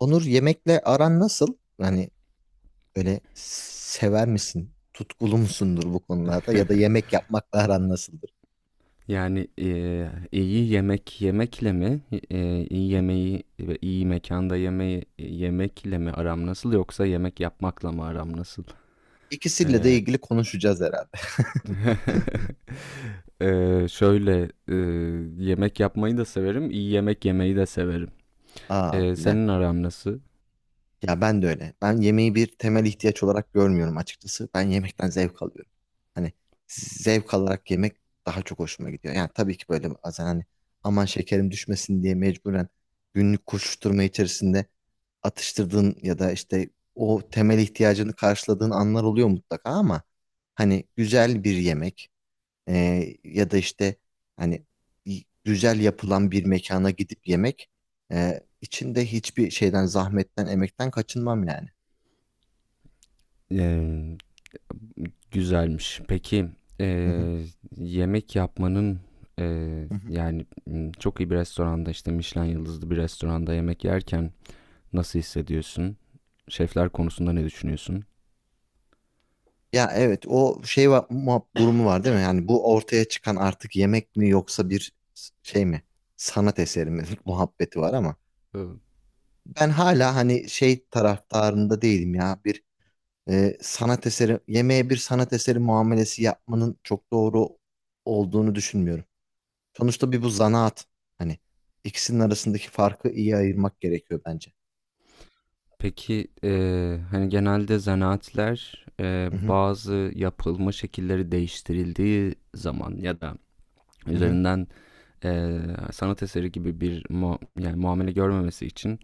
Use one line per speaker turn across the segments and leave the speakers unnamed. Onur, yemekle aran nasıl? Hani öyle sever misin? Tutkulu musundur bu konularda? Ya da yemek yapmakla aran nasıldır?
İyi yemek yemekle mi, iyi yemeği ve iyi mekanda yemeği yemekle mi aram nasıl yoksa yemek yapmakla mı aram nasıl?
İkisiyle de
Eee,
ilgili konuşacağız herhalde.
şöyle yemek yapmayı da severim, iyi yemek yemeyi de severim.
Aa, güzel.
Senin aram nasıl?
Ya ben de öyle. Ben yemeği bir temel ihtiyaç olarak görmüyorum açıkçası. Ben yemekten zevk alıyorum. Hani zevk alarak yemek daha çok hoşuma gidiyor. Yani tabii ki böyle bazen hani aman şekerim düşmesin diye mecburen günlük koşuşturma içerisinde atıştırdığın ya da işte o temel ihtiyacını karşıladığın anlar oluyor mutlaka, ama hani güzel bir yemek ya da işte hani güzel yapılan bir mekana gidip yemek, içinde hiçbir şeyden, zahmetten, emekten kaçınmam yani.
Eee, Güzelmiş. Peki
Hı hı,
eee, yemek yapmanın
hı hı.
çok iyi bir restoranda işte Michelin yıldızlı bir restoranda yemek yerken nasıl hissediyorsun? Şefler konusunda ne düşünüyorsun?
Ya evet, o şey var, durumu var değil mi? Yani bu ortaya çıkan artık yemek mi, yoksa bir şey mi? Sanat eseri mi? Muhabbeti var ama
Ee,
ben hala hani şey taraftarında değilim ya. Bir sanat eseri, yemeğe bir sanat eseri muamelesi yapmanın çok doğru olduğunu düşünmüyorum. Sonuçta bir bu zanaat. Hani ikisinin arasındaki farkı iyi ayırmak gerekiyor bence.
Peki hani genelde zanaatler
Hı hı,
bazı yapılma şekilleri değiştirildiği zaman ya da
hı hı,
üzerinden sanat eseri gibi yani muamele görmemesi için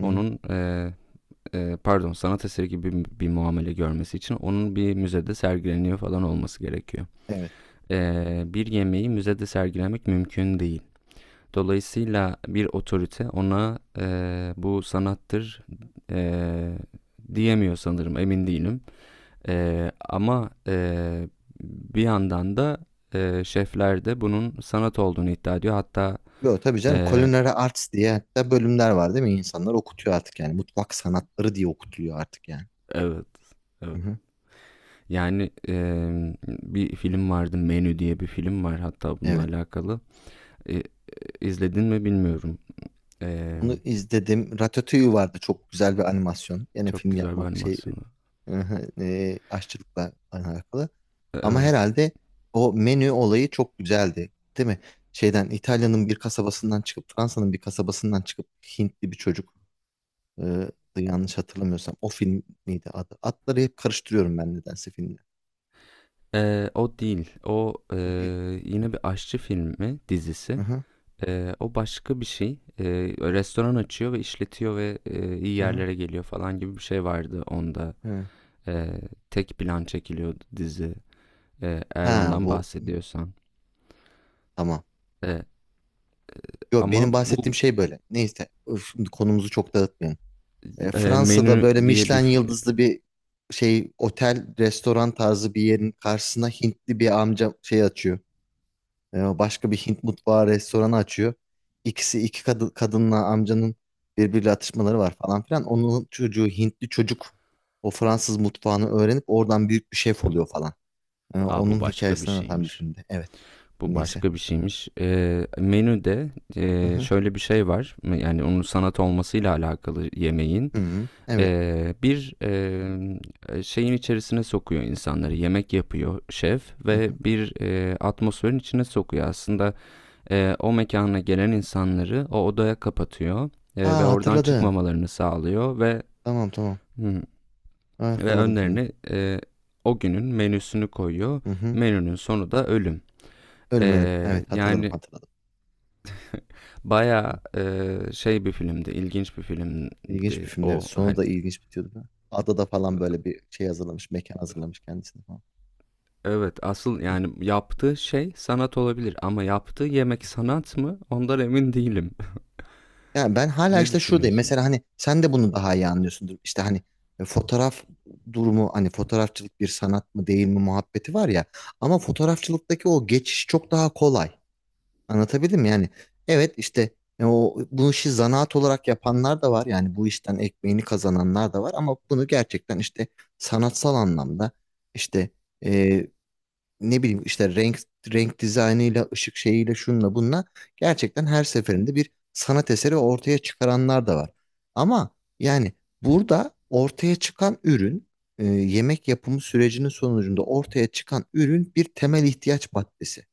hı hı.
onun pardon, sanat eseri gibi bir muamele görmesi için onun bir müzede sergileniyor falan olması gerekiyor.
Evet.
Bir yemeği müzede sergilemek mümkün değil. Dolayısıyla bir otorite ona bu sanattır eee, diyemiyor sanırım, emin değilim. Ama bir yandan da şefler de bunun sanat olduğunu iddia ediyor. Hatta
Yo tabii canım,
eee,
culinary arts diye hatta bölümler var değil mi? İnsanlar okutuyor artık yani. Mutfak sanatları diye okutuluyor artık yani.
evet,
Hı
evet.
hı.
Yani bir film vardı, Menü diye bir film var hatta bununla
Evet.
alakalı. E, e, izledin mi bilmiyorum. Eee,
Onu izledim. Ratatouille vardı, çok güzel bir animasyon. Yine
Çok
film
güzel bir
yapmak şey
animasyonu.
aşçılıkla alakalı. Ama
Evet.
herhalde o menü olayı çok güzeldi, değil mi? Şeyden, İtalya'nın bir kasabasından çıkıp, Fransa'nın bir kasabasından çıkıp Hintli bir çocuk, yanlış hatırlamıyorsam o film miydi adı? Adları hep karıştırıyorum ben nedense filmle.
O değil. O
O değil.
yine bir aşçı filmi
Hı
dizisi.
hı,
O başka bir şey. Restoran açıyor ve işletiyor ve iyi
hı hı,
yerlere geliyor falan gibi bir şey vardı onda.
evet.
Eee, Tek plan çekiliyordu dizi. Eğer
Ha
ondan
bu,
bahsediyorsan.
tamam.
Eee,
Yo,
ama
benim
bu
bahsettiğim şey böyle. Neyse öf, şimdi konumuzu çok dağıtmayalım.
eee,
Fransa'da
menü
böyle
diye bir...
Michelin yıldızlı bir şey otel, restoran tarzı bir yerin karşısına Hintli bir amca şey açıyor. Başka bir Hint mutfağı restoranı açıyor. İkisi, iki kadınla amcanın birbiriyle atışmaları var falan filan. Onun çocuğu, Hintli çocuk, o Fransız mutfağını öğrenip oradan büyük bir şef oluyor falan.
Aa, bu
Onun
başka bir
hikayesini anlatan bir
şeymiş.
filmdi. Evet.
Bu
Neyse.
başka bir şeymiş. Menüde
Hı hı.
şöyle bir şey var. Yani onun sanat olmasıyla alakalı yemeğin.
Hı hı. Evet.
Bir şeyin içerisine sokuyor insanları. Yemek yapıyor şef
Hı
ve
hı.
bir atmosferin içine sokuyor. Aslında o mekana gelen insanları o odaya kapatıyor, ve
Aa,
oradan
hatırladım.
çıkmamalarını sağlıyor ve
Tamam tamam.
hı,
Ha,
ve
hatırladım şimdi.
önlerine o günün menüsünü koyuyor.
Hı hı.
Menünün sonu da ölüm.
Ölüm, ölüm. Evet, hatırladım
Yani
hatırladım.
baya
Hı.
şey bir filmdi, ilginç bir
İlginç bir
filmdi
filmdi, evet.
o.
Sonu
Hani
da ilginç bitiyordu da. Adada falan böyle bir şey hazırlamış. Mekan hazırlamış kendisine falan.
evet, asıl
Hı hı.
yani yaptığı şey sanat olabilir ama yaptığı yemek sanat mı? Ondan emin değilim.
Yani ben hala
Ne
işte şuradayım.
düşünüyorsun?
Mesela hani sen de bunu daha iyi anlıyorsundur. İşte hani fotoğraf durumu, hani fotoğrafçılık bir sanat mı değil mi muhabbeti var ya. Ama fotoğrafçılıktaki o geçiş çok daha kolay. Anlatabildim mi? Yani evet, işte o bu işi zanaat olarak yapanlar da var. Yani bu işten ekmeğini kazananlar da var, ama bunu gerçekten işte sanatsal anlamda işte, e, ne bileyim işte renk renk dizaynıyla, ışık şeyiyle, şunla bununla gerçekten her seferinde bir sanat eseri ortaya çıkaranlar da var. Ama yani burada ortaya çıkan ürün, yemek yapımı sürecinin sonucunda ortaya çıkan ürün bir temel ihtiyaç maddesi.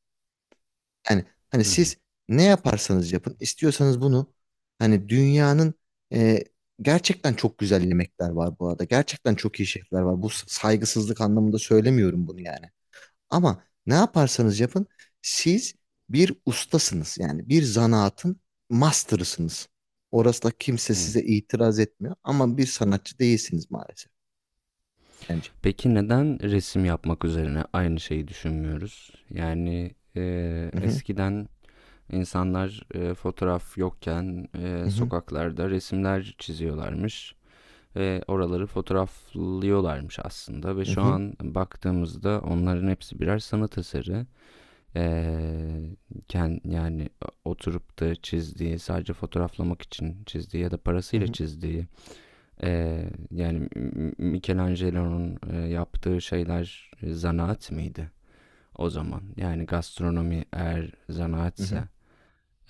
Yani hani
Hı hı.
siz ne yaparsanız yapın, istiyorsanız bunu hani dünyanın e, gerçekten çok güzel yemekler var bu arada. Gerçekten çok iyi şefler var. Bu saygısızlık anlamında söylemiyorum bunu yani. Ama ne yaparsanız yapın, siz bir ustasınız. Yani bir zanaatın master'ısınız. Orası da, kimse
Hı.
size itiraz etmiyor, ama bir sanatçı değilsiniz maalesef bence.
Peki neden resim yapmak üzerine aynı şeyi düşünmüyoruz? Yani
Hı hı,
eskiden insanlar fotoğraf yokken
hı hı,
sokaklarda resimler çiziyorlarmış ve oraları fotoğraflıyorlarmış aslında, ve
hı
şu
hı,
an baktığımızda onların hepsi birer sanat eseri. Ee, Yani oturup da çizdiği, sadece fotoğraflamak için çizdiği ya da
hı
parasıyla
hı,
çizdiği, yani Michelangelo'nun yaptığı şeyler zanaat mıydı o zaman, yani gastronomi eğer
hı hı.
zanaatse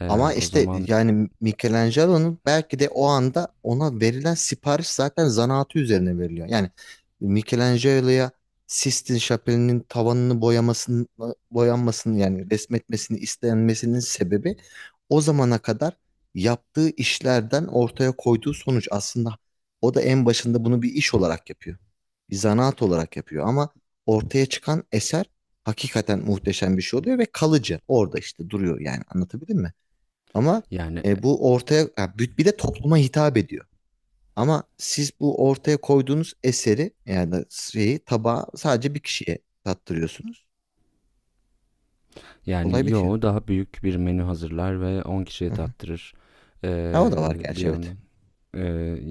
Ama
o
işte
zaman
yani Michelangelo'nun belki de o anda ona verilen sipariş zaten zanaatı üzerine veriliyor. Yani Michelangelo'ya Sistine Şapeli'nin tavanını boyamasını, boyanmasını, yani resmetmesini istenmesinin sebebi, o zamana kadar yaptığı işlerden ortaya koyduğu sonuç. Aslında o da en başında bunu bir iş olarak yapıyor. Bir zanaat olarak yapıyor, ama ortaya çıkan eser hakikaten muhteşem bir şey oluyor ve kalıcı. Orada işte duruyor yani, anlatabildim mi? Ama
yani
bu ortaya ya, bir de topluma hitap ediyor. Ama siz bu ortaya koyduğunuz eseri, yani da şeyi, tabağı sadece bir kişiye tattırıyorsunuz. Olay
yani
bitiyor.
yo, daha büyük bir menü hazırlar ve 10 kişiye
Hı hı.
tattırır.
Ha, o da var
Bir
gerçi, evet.
yandan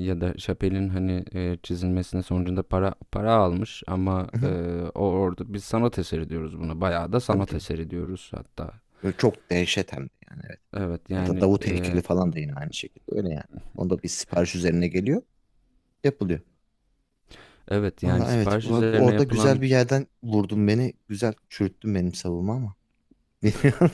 ya da Chappelle'in hani, çizilmesinin sonucunda para almış ama,
Hı hı.
o orada biz sanat eseri diyoruz buna. Bayağı da
Tabii
sanat
tabii.
eseri diyoruz hatta.
Böyle çok dehşet hem de, yani evet.
Evet
Ya da
yani,
Davut heykeli falan da yine aynı şekilde öyle yani. Onda bir sipariş üzerine geliyor, yapılıyor.
evet, yani
Valla evet,
sipariş üzerine
orada güzel
yapılan.
bir yerden vurdun beni. Güzel çürüttün benim savunma ama. Bilmiyorum.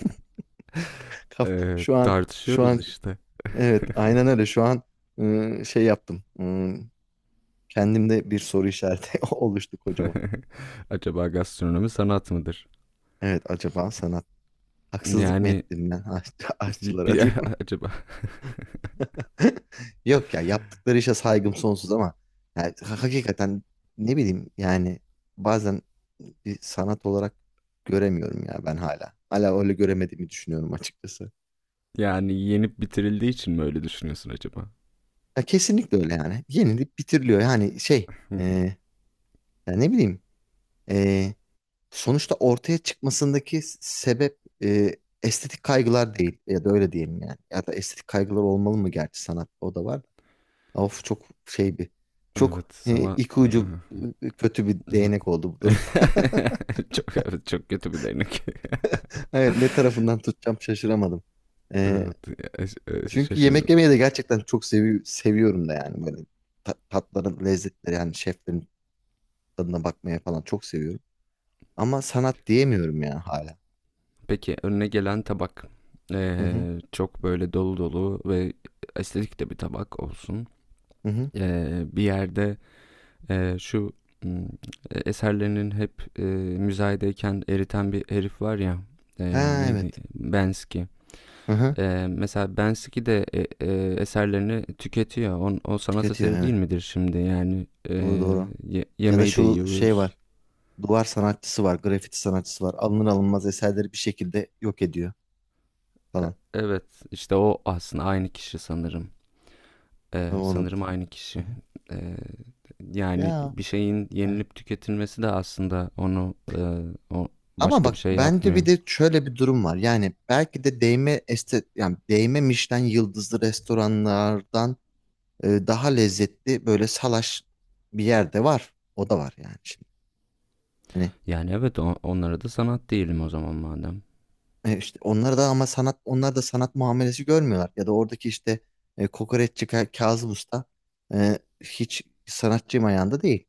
Şu an, şu
Tartışıyoruz
an
işte.
evet, aynen öyle. Şu an şey yaptım. Kendimde bir soru işareti oluştu kocaman.
Acaba gastronomi sanat mıdır?
Evet, acaba sanat, haksızlık mı
Yani
ettim ben aşçılara,
bir
diyor.
acaba
Yok ya, yaptıkları işe saygım sonsuz ama yani, hakikaten ne bileyim yani, bazen bir sanat olarak göremiyorum ya ben hala. Hala öyle göremediğimi düşünüyorum açıkçası.
yani yenip bitirildiği için mi öyle düşünüyorsun acaba?
Ya kesinlikle öyle yani. Yenilip bitiriliyor yani şey, e, ya ne bileyim, sonuçta ortaya çıkmasındaki sebep estetik kaygılar değil, ya da öyle diyelim yani. Ya da estetik kaygılar olmalı mı gerçi, sanatta o da var. Of, çok şey bir, çok
Evet, sana
iki ucu kötü bir değnek oldu bu durum.
çok, evet, çok kötü bir değnek.
Evet, ne tarafından tutacağım şaşıramadım. E,
Evet,
çünkü yemek
şaşırdın.
yemeyi de gerçekten çok seviyorum da yani böyle tatların lezzetleri, yani şeflerin tadına bakmaya falan çok seviyorum. Ama sanat diyemiyorum ya hala.
Peki önüne gelen tabak
Hı hı.
Çok böyle dolu dolu ve estetik de bir tabak olsun.
Hı hı.
Bir yerde e, şu hmm, eserlerinin hep müzayedeyken eriten bir herif var ya. e,
Ha
Neydi?
evet.
Bensky.
Hı hı.
Mesela Bensky de eserlerini tüketiyor. On, o sanat
Tüketiyor,
eseri
evet.
değil midir şimdi? Yani
Doğru doğru. Ya da
yemeği de
şu şey
yiyoruz.
var. Duvar sanatçısı var. Grafiti sanatçısı var. Alınır alınmaz eserleri bir şekilde yok ediyor
E,
falan.
evet, işte o aslında aynı kişi sanırım.
O olabilir.
Sanırım aynı
Hı
kişi.
hı.
E, Yani
Ya,
bir şeyin
evet.
yenilip tüketilmesi de aslında onu o
Ama
başka bir
bak,
şey
bence bir
yapmıyor.
de şöyle bir durum var. Yani belki de değme este, yani değme Michelin yıldızlı restoranlardan daha lezzetli böyle salaş bir yerde var. O da var yani şimdi. Hani
Yani evet, o- onlara da sanat değilim o zaman madem.
İşte onlar da, ama sanat, onlar da sanat muamelesi görmüyorlar. Ya da oradaki işte kokoreççi Kazım Usta hiç sanatçı ayağında değil.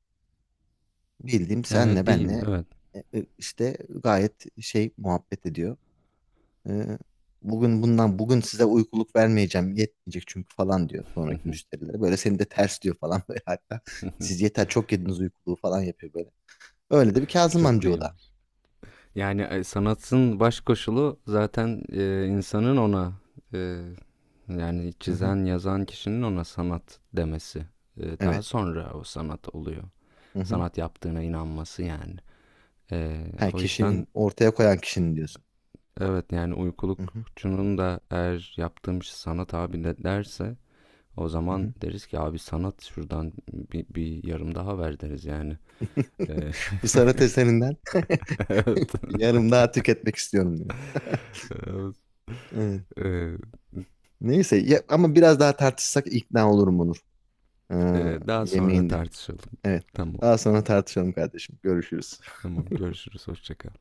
Bildiğim senle
Değil,
benle
evet.
işte gayet şey muhabbet ediyor. E, bugün bundan, bugün size uykuluk vermeyeceğim, yetmeyecek çünkü, falan diyor sonraki müşterilere. Böyle seni de ters diyor falan böyle hatta. Siz yeter, çok yediniz uykuluğu, falan yapıyor böyle. Öyle de bir Kazım
Çok
amca o
iyi.
da.
Yani, sanatın baş koşulu zaten, insanın ona, eee, yani
Hı hı.
çizen, yazan kişinin ona sanat demesi. Daha
Evet.
sonra o sanat oluyor.
Hı hı.
Sanat yaptığına inanması yani.
Ha,
O
kişinin,
yüzden
ortaya koyan kişinin diyorsun.
evet, yani
Hı hı.
uykulukçunun da eğer yaptığım şey sanat abi de derse o
Hı
zaman
hı.
deriz ki abi sanat şuradan bir yarım daha ver deriz yani. Eee,
Bu sanat eserinden yarım daha tüketmek istiyorum, diyor.
evet,
Evet.
eee,
Neyse ya, ama biraz daha tartışsak ikna olurum Onur. Ee,
Daha sonra
yemeğinde.
tartışalım.
Evet.
Tamam.
Daha sonra tartışalım kardeşim. Görüşürüz.
Tamam, görüşürüz, hoşçakal.